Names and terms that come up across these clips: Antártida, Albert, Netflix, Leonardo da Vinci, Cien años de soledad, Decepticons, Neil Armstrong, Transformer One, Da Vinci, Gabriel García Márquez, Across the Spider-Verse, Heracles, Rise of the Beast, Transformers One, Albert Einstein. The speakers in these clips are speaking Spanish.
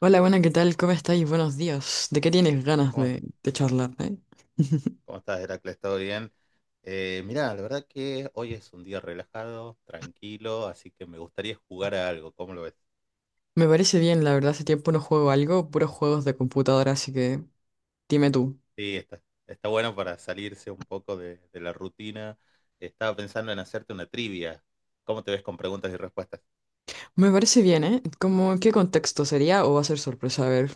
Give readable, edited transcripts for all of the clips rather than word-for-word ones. Hola, buena, ¿qué tal? ¿Cómo estáis? Buenos días. ¿De qué tienes ganas ¿Cómo, de charlar, cómo estás, Heracles? ¿Todo bien? Mirá, la verdad que hoy es un día relajado, tranquilo, así que me gustaría jugar a algo. ¿Cómo lo ves? Me parece bien, la verdad, hace tiempo no juego algo, puros juegos de computadora, así que dime tú. Sí, está bueno para salirse un poco de la rutina. Estaba pensando en hacerte una trivia. ¿Cómo te ves con preguntas y respuestas? Me parece bien, ¿eh? ¿Cómo, en qué contexto sería o va a ser sorpresa? A ver.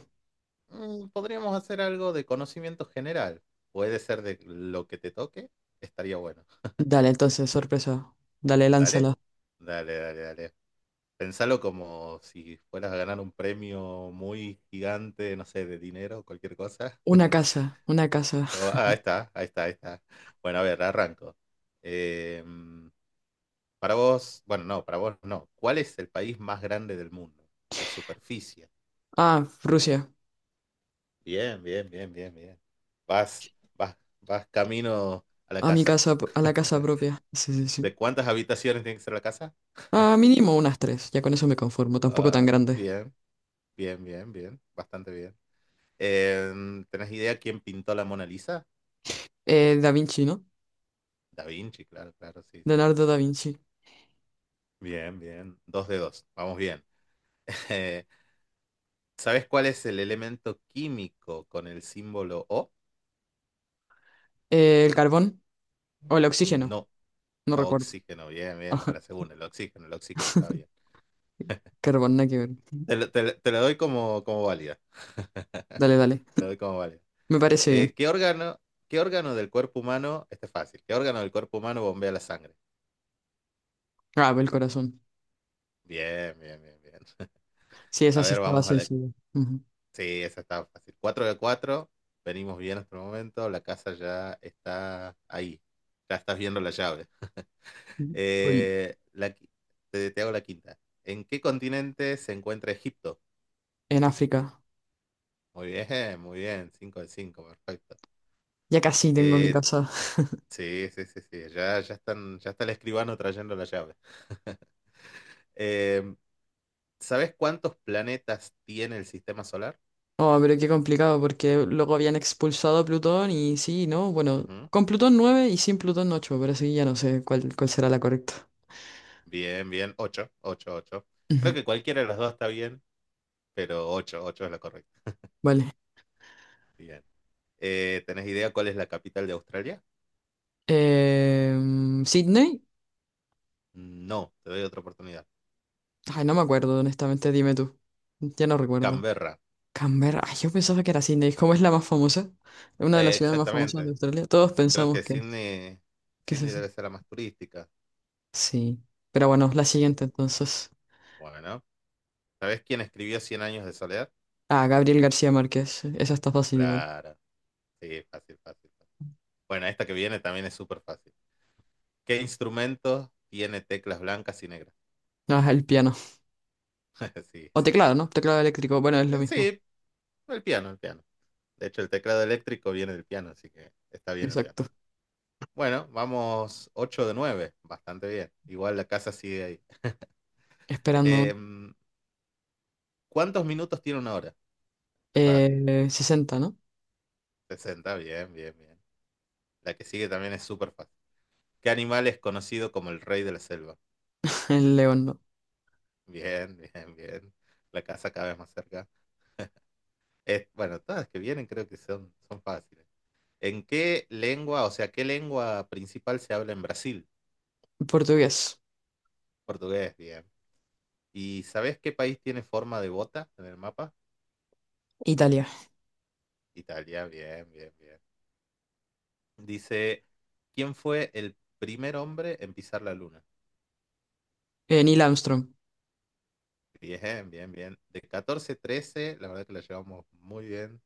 Mm, podríamos hacer algo de conocimiento general. Puede ser de lo que te toque. Estaría bueno. Dale, entonces, sorpresa. Dale, Dale, lánzala. dale, dale, dale. Pensalo como si fueras a ganar un premio muy gigante, no sé, de dinero, cualquier cosa. Una casa, una casa. Ah, ahí está, ahí está, ahí está. Bueno, a ver, arranco. Eh, para vos, bueno, no, para vos no. ¿Cuál es el país más grande del mundo? De superficie. Ah, Rusia. Bien, bien, bien, bien, bien. Vas, vas, vas camino a la A mi casa. casa, a la casa propia. Sí, sí, sí. ¿De cuántas habitaciones tiene que ser la casa? Ah, mínimo unas tres, ya con eso me conformo, tampoco Ah, tan grande. bien, bien, bien, bien, bastante bien. ¿Tenés idea quién pintó la Mona Lisa? Da Vinci, ¿no? Da Vinci, claro, claro, sí, sí, sí, Leonardo da sí. Vinci. Bien, bien. Dos de dos. Vamos bien. Eh, ¿Sabes cuál es el elemento químico con el símbolo O? El carbón o el oxígeno. No, No recuerdo. oxígeno. Bien, bien. A la Ajá, segunda, el oxígeno está bien. carbón, nada que ver. Te lo doy como, como válida. Dale, dale. Te lo doy como válida. Me parece bien. Eh, ¿qué órgano, ¿Qué órgano del cuerpo humano? Este es fácil. ¿Qué órgano del cuerpo humano bombea la sangre? Ah, el corazón. Bien, bien, bien, bien. Sí, esa A sí ver, estaba vamos a la... sencilla. Ujú. Sí, esa está fácil. 4 de 4, venimos bien hasta el momento, la casa ya está ahí, ya estás viendo la llave. Uy, Eh, la qui- te hago la quinta. ¿En qué continente se encuentra Egipto? en África. Muy bien, muy bien. 5 de 5, perfecto. Ya casi tengo mi Eh, casa. sí, sí, sí, sí, ya está el escribano trayendo la llave. Eh, ¿Sabes cuántos planetas tiene el sistema solar? Oh, pero qué complicado, porque luego habían expulsado a Plutón y sí, ¿no? Bueno, Ujú. con Plutón 9 y sin Plutón 8 pero así ya no sé cuál será la correcta. Bien, bien. Ocho, ocho, ocho. Creo Ujú. que cualquiera de las dos está bien, pero 8 8 es la correcta. Vale. Bien. ¿Tenés idea cuál es la capital de Australia? Eh, ¿Sydney? No, te doy otra oportunidad. Ay, no me acuerdo, honestamente, dime tú. Ya no recuerdo. Canberra. Canberra, ay, yo pensaba que era Sydney. ¿Cómo es la más famosa? Es una de las ciudades más famosas de Exactamente. Australia. Todos Creo pensamos que que es. Sydney, ¿Qué es Sydney eso? debe ser la más turística. Sí. Pero bueno, la Sí, siguiente sí. entonces. Bueno, ¿sabés quién escribió Cien años de soledad? Ah, Gabriel García Márquez. Esa está fácil igual. Claro. Sí, fácil, fácil, fácil. Bueno, esta que viene también es súper fácil. ¿Qué instrumento tiene teclas blancas y negras? Ah, el piano. Sí, O sí, sí. Sí. teclado, ¿no? Teclado eléctrico. Bueno, es lo mismo. Sí, el piano, el piano. De hecho, el teclado eléctrico viene del piano, así que está bien el piano. Exacto. Bueno, vamos 8 de 9 bastante bien. Igual la casa sigue ahí. Esperando. Em, ¿Cuántos minutos tiene una hora? Es fácil. 60, ¿no? 60, bien, bien, bien. La que sigue también es súper fácil. ¿Qué animal es conocido como el rey de la selva? El León, ¿no? Bien, bien, bien. La casa cada vez más cerca. Es, bueno, todas las que vienen creo que son fáciles. ¿En qué lengua, o sea, qué lengua principal se habla en Brasil? Portugués. Portugués, bien. ¿Y sabes qué país tiene forma de bota en el mapa? Italia. Italia, bien, bien, bien. Dice, ¿quién fue el primer hombre en pisar la luna? Neil Armstrong. Bien, bien, bien. De 14 13 la verdad que la llevamos muy bien.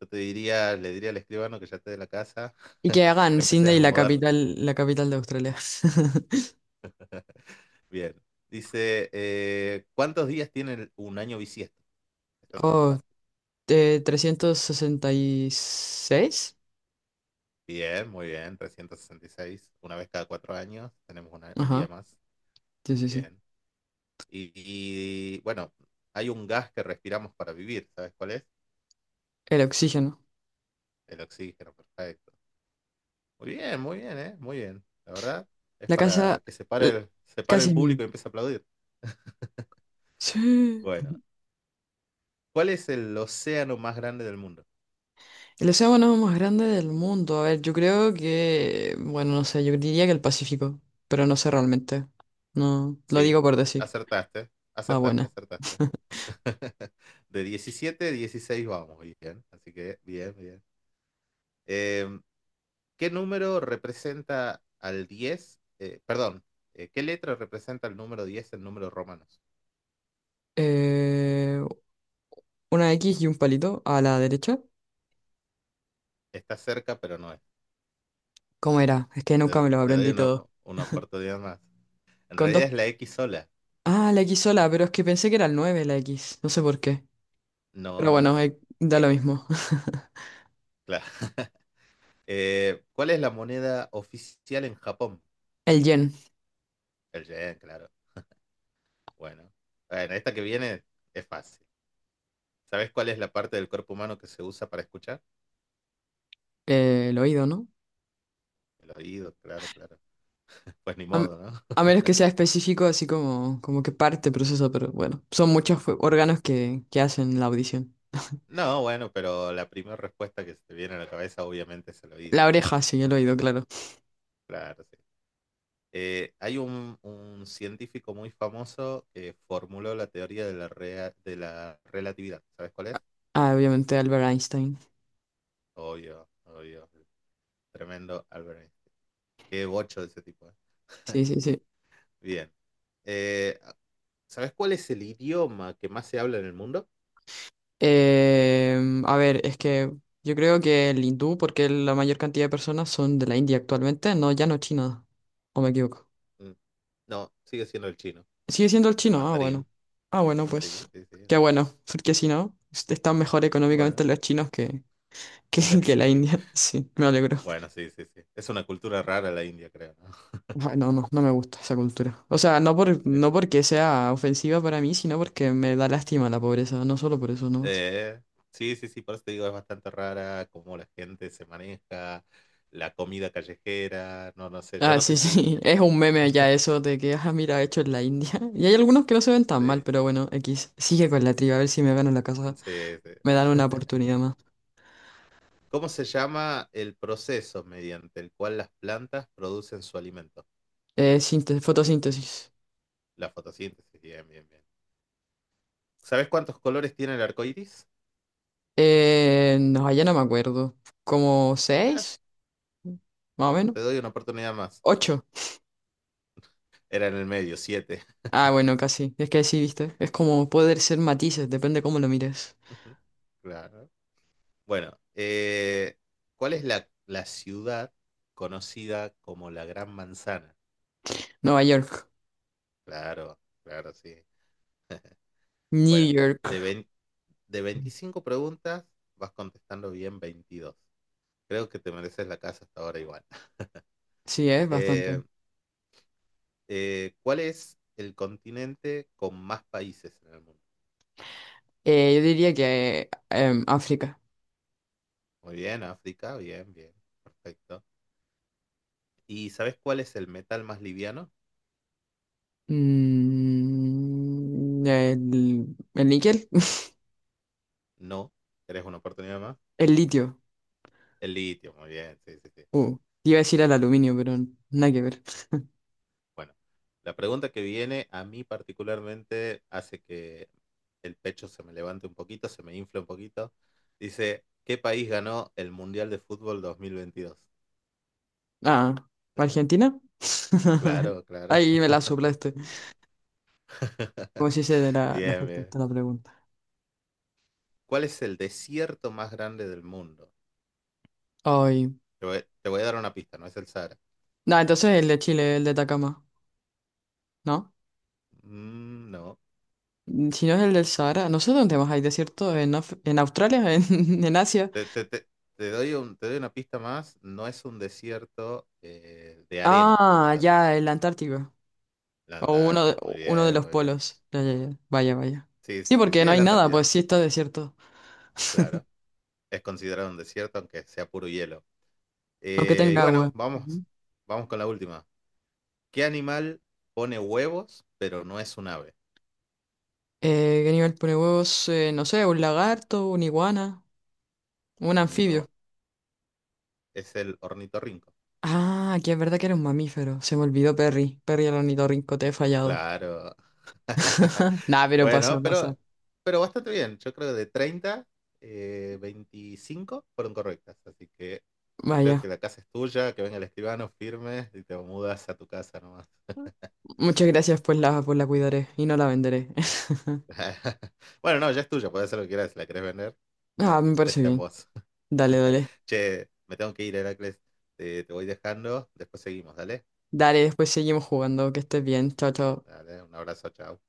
Yo le diría al escribano que ya esté de la casa. Y que hagan Empecé Sydney a mudar. La capital de Australia. Bien. Dice, ¿cuántos días tiene un año bisiesto? Esto también es Oh, fácil. 366. Bien, muy bien. 366. Una vez cada 4 años tenemos un Ajá. día más. Sí, sí, sí. Bien. Y, y, bueno, hay un gas que respiramos para vivir. ¿Sabes cuál es? El oxígeno. El oxígeno, perfecto. Muy bien, ¿eh? Muy bien. La verdad, es La para casa que eh, se pare casi el es mía. público y empiece a aplaudir. Sí. Bueno, ¿cuál es el océano más grande del mundo? El océano más grande del mundo. A ver, yo creo que, bueno, no sé, yo diría que el Pacífico, pero no sé realmente. No, lo Sí, digo por decir. acertaste, Ah, acertaste, buena. acertaste. De 17 a 16 vamos, bien. Así que, bien, bien. Eh, ¿Qué número representa al 10 Perdón, ¿qué letra representa el número 10 en números romanos? Eh, una X y un palito a la derecha. Está cerca, pero no es. ¿Cómo era? Es que nunca me Te, lo te doy aprendí todo. una oportunidad más. En Con dos... realidad es la X sola. Ah, la X sola, pero es que pensé que era el 9 la X. No sé por qué. No, Pero no, no, bueno, no. Da Eh, lo eh, mismo. claro. ¿Cuál es la moneda oficial en Japón? El yen. El yen, claro. Bueno, Bueno, esta que viene es fácil. ¿Sabes cuál es la parte del cuerpo humano que se usa para escuchar? El oído, ¿no? El oído, claro, claro. Pues ni A, m- modo, ¿no? a menos que sea específico, así como, como que parte proceso, pero bueno, son muchos órganos que hacen la audición. No, bueno, pero la primera respuesta que se te viene a la cabeza obviamente es el oído, La digamos. oreja, sí, el oído, claro. Claro, sí. Hay un científico muy famoso que formuló la teoría de la relatividad. ¿Sabes cuál es? Ah, obviamente Albert Einstein. Obvio, obvio. Tremendo Albert. Qué bocho de ese tipo, ¿eh? Sí, sí, sí. Bien. Eh, ¿Sabes cuál es el idioma que más se habla en el mundo? A ver, es que yo creo que el hindú, porque la mayor cantidad de personas son de la India actualmente, no, ya no China, o me equivoco. Mm, no, sigue siendo el chino, Sigue siendo el el chino, ah, mandarín. bueno. Ah, bueno, Sí, pues sí, sí. qué bueno, porque si no, están mejor económicamente Bueno, los chinos que, que, que la sí. India. Sí, me alegro. Bueno, sí, sí, sí. Es una cultura rara la India, creo, ¿no? Bueno, no, no me gusta esa cultura. O sea, no porque sea ofensiva para mí, sino porque me da lástima la pobreza, no solo por eso nomás. Eh, sí, sí, sí, por eso te digo, es bastante rara cómo la gente se maneja, la comida callejera, no, no sé, yo Ah, no sí, sé si sí, iría. es un meme ya eso de que, ah, mira, hecho en la India. Y hay algunos que no se ven tan mal, Sí, pero bueno, X, sigue con la triba, a ver si me gano la casa, sí, sí. me dan una oportunidad más. ¿Cómo se llama el proceso mediante el cual las plantas producen su alimento? Fotosíntesis. La fotosíntesis, bien, bien, bien. ¿Sabes cuántos colores tiene el arco iris? No, allá no me acuerdo. ¿Como Ah, 6? Más o menos. te doy una oportunidad más. ¿8? Era en el medio, siete. Ah, bueno, casi. Es que sí, viste. Es como poder ser matices, depende cómo lo mires. Claro. Bueno, ¿cuál es la ciudad conocida como la Gran Manzana? Nueva York. Claro, claro, sí. New Bueno, de, York. vein- de 25 preguntas vas contestando bien 22. Creo que te mereces la casa hasta ahora igual. Sí, es bastante. Eh, ¿Cuál es el continente con más países en el mundo? Yo diría que África. Muy bien, África, bien, bien, perfecto. ¿Y sabes cuál es el metal más liviano? Mm, el, el níquel. No, ¿querés una oportunidad más? El litio. El litio, muy bien, sí, sí, sí. Uh, te iba a decir el Sí. aluminio, pero nada que ver. Bueno, la pregunta que viene a mí particularmente hace que el pecho se me levante un poquito, se me infla un poquito. Dice, ¿qué país ganó el Mundial de Fútbol 2022? Ah, ¿Argentina? Claro, claro. Ahí me la soplaste. Como si se de la Bien, falta bien. hasta la pregunta. ¿Cuál es el desierto más grande del mundo? Ay. Te voy a dar una pista, no es el Sahara. No, entonces el de Chile, el de Atacama, ¿no? Mm, no. Mm, si no es el del Sahara, no sé dónde más hay desierto, en Australia, en Asia. Te, te- te- te doy una pista más. No es un desierto de arena como Ah, tal. ya, el Antártico. La O Antártida, muy uno de bien, los muy bien. polos. Ya, ya, ya. Vaya, vaya. Sí, sí, Sí, sí, porque sí, no es hay la nada, Antártida, pues sí está desierto. claro. Es considerado un desierto aunque sea puro hielo. Aunque Y tenga bueno, agua. Ujú. vamos con la última. ¿Qué animal pone huevos pero no es un ave? ¿Qué nivel pone huevos? No sé, un lagarto, una iguana, un anfibio. No, es el ornitorrinco. Ah, aquí es verdad que era un mamífero. Se me olvidó Perry. Perry el ornitorrinco, te he fallado. Claro. Nah, pero pasa, Bueno, pasa. Pero bastante bien. Yo creo que de 30 25 fueron correctas. Así que creo Vaya. que la casa es tuya, que venga el escribano, firme y te mudas a tu casa nomás. Muchas gracias, pues pues la cuidaré y no la venderé. Bueno, no, ya es tuya, puedes hacer lo que quieras. Si la querés vender, Ah, me parece está en bien. vos. Dale, dale. Che, me tengo que ir, Heracles. Te voy dejando. Después seguimos, dale. Dale, después seguimos jugando. Que estés bien. Chao, chao. Dale, un abrazo, chao.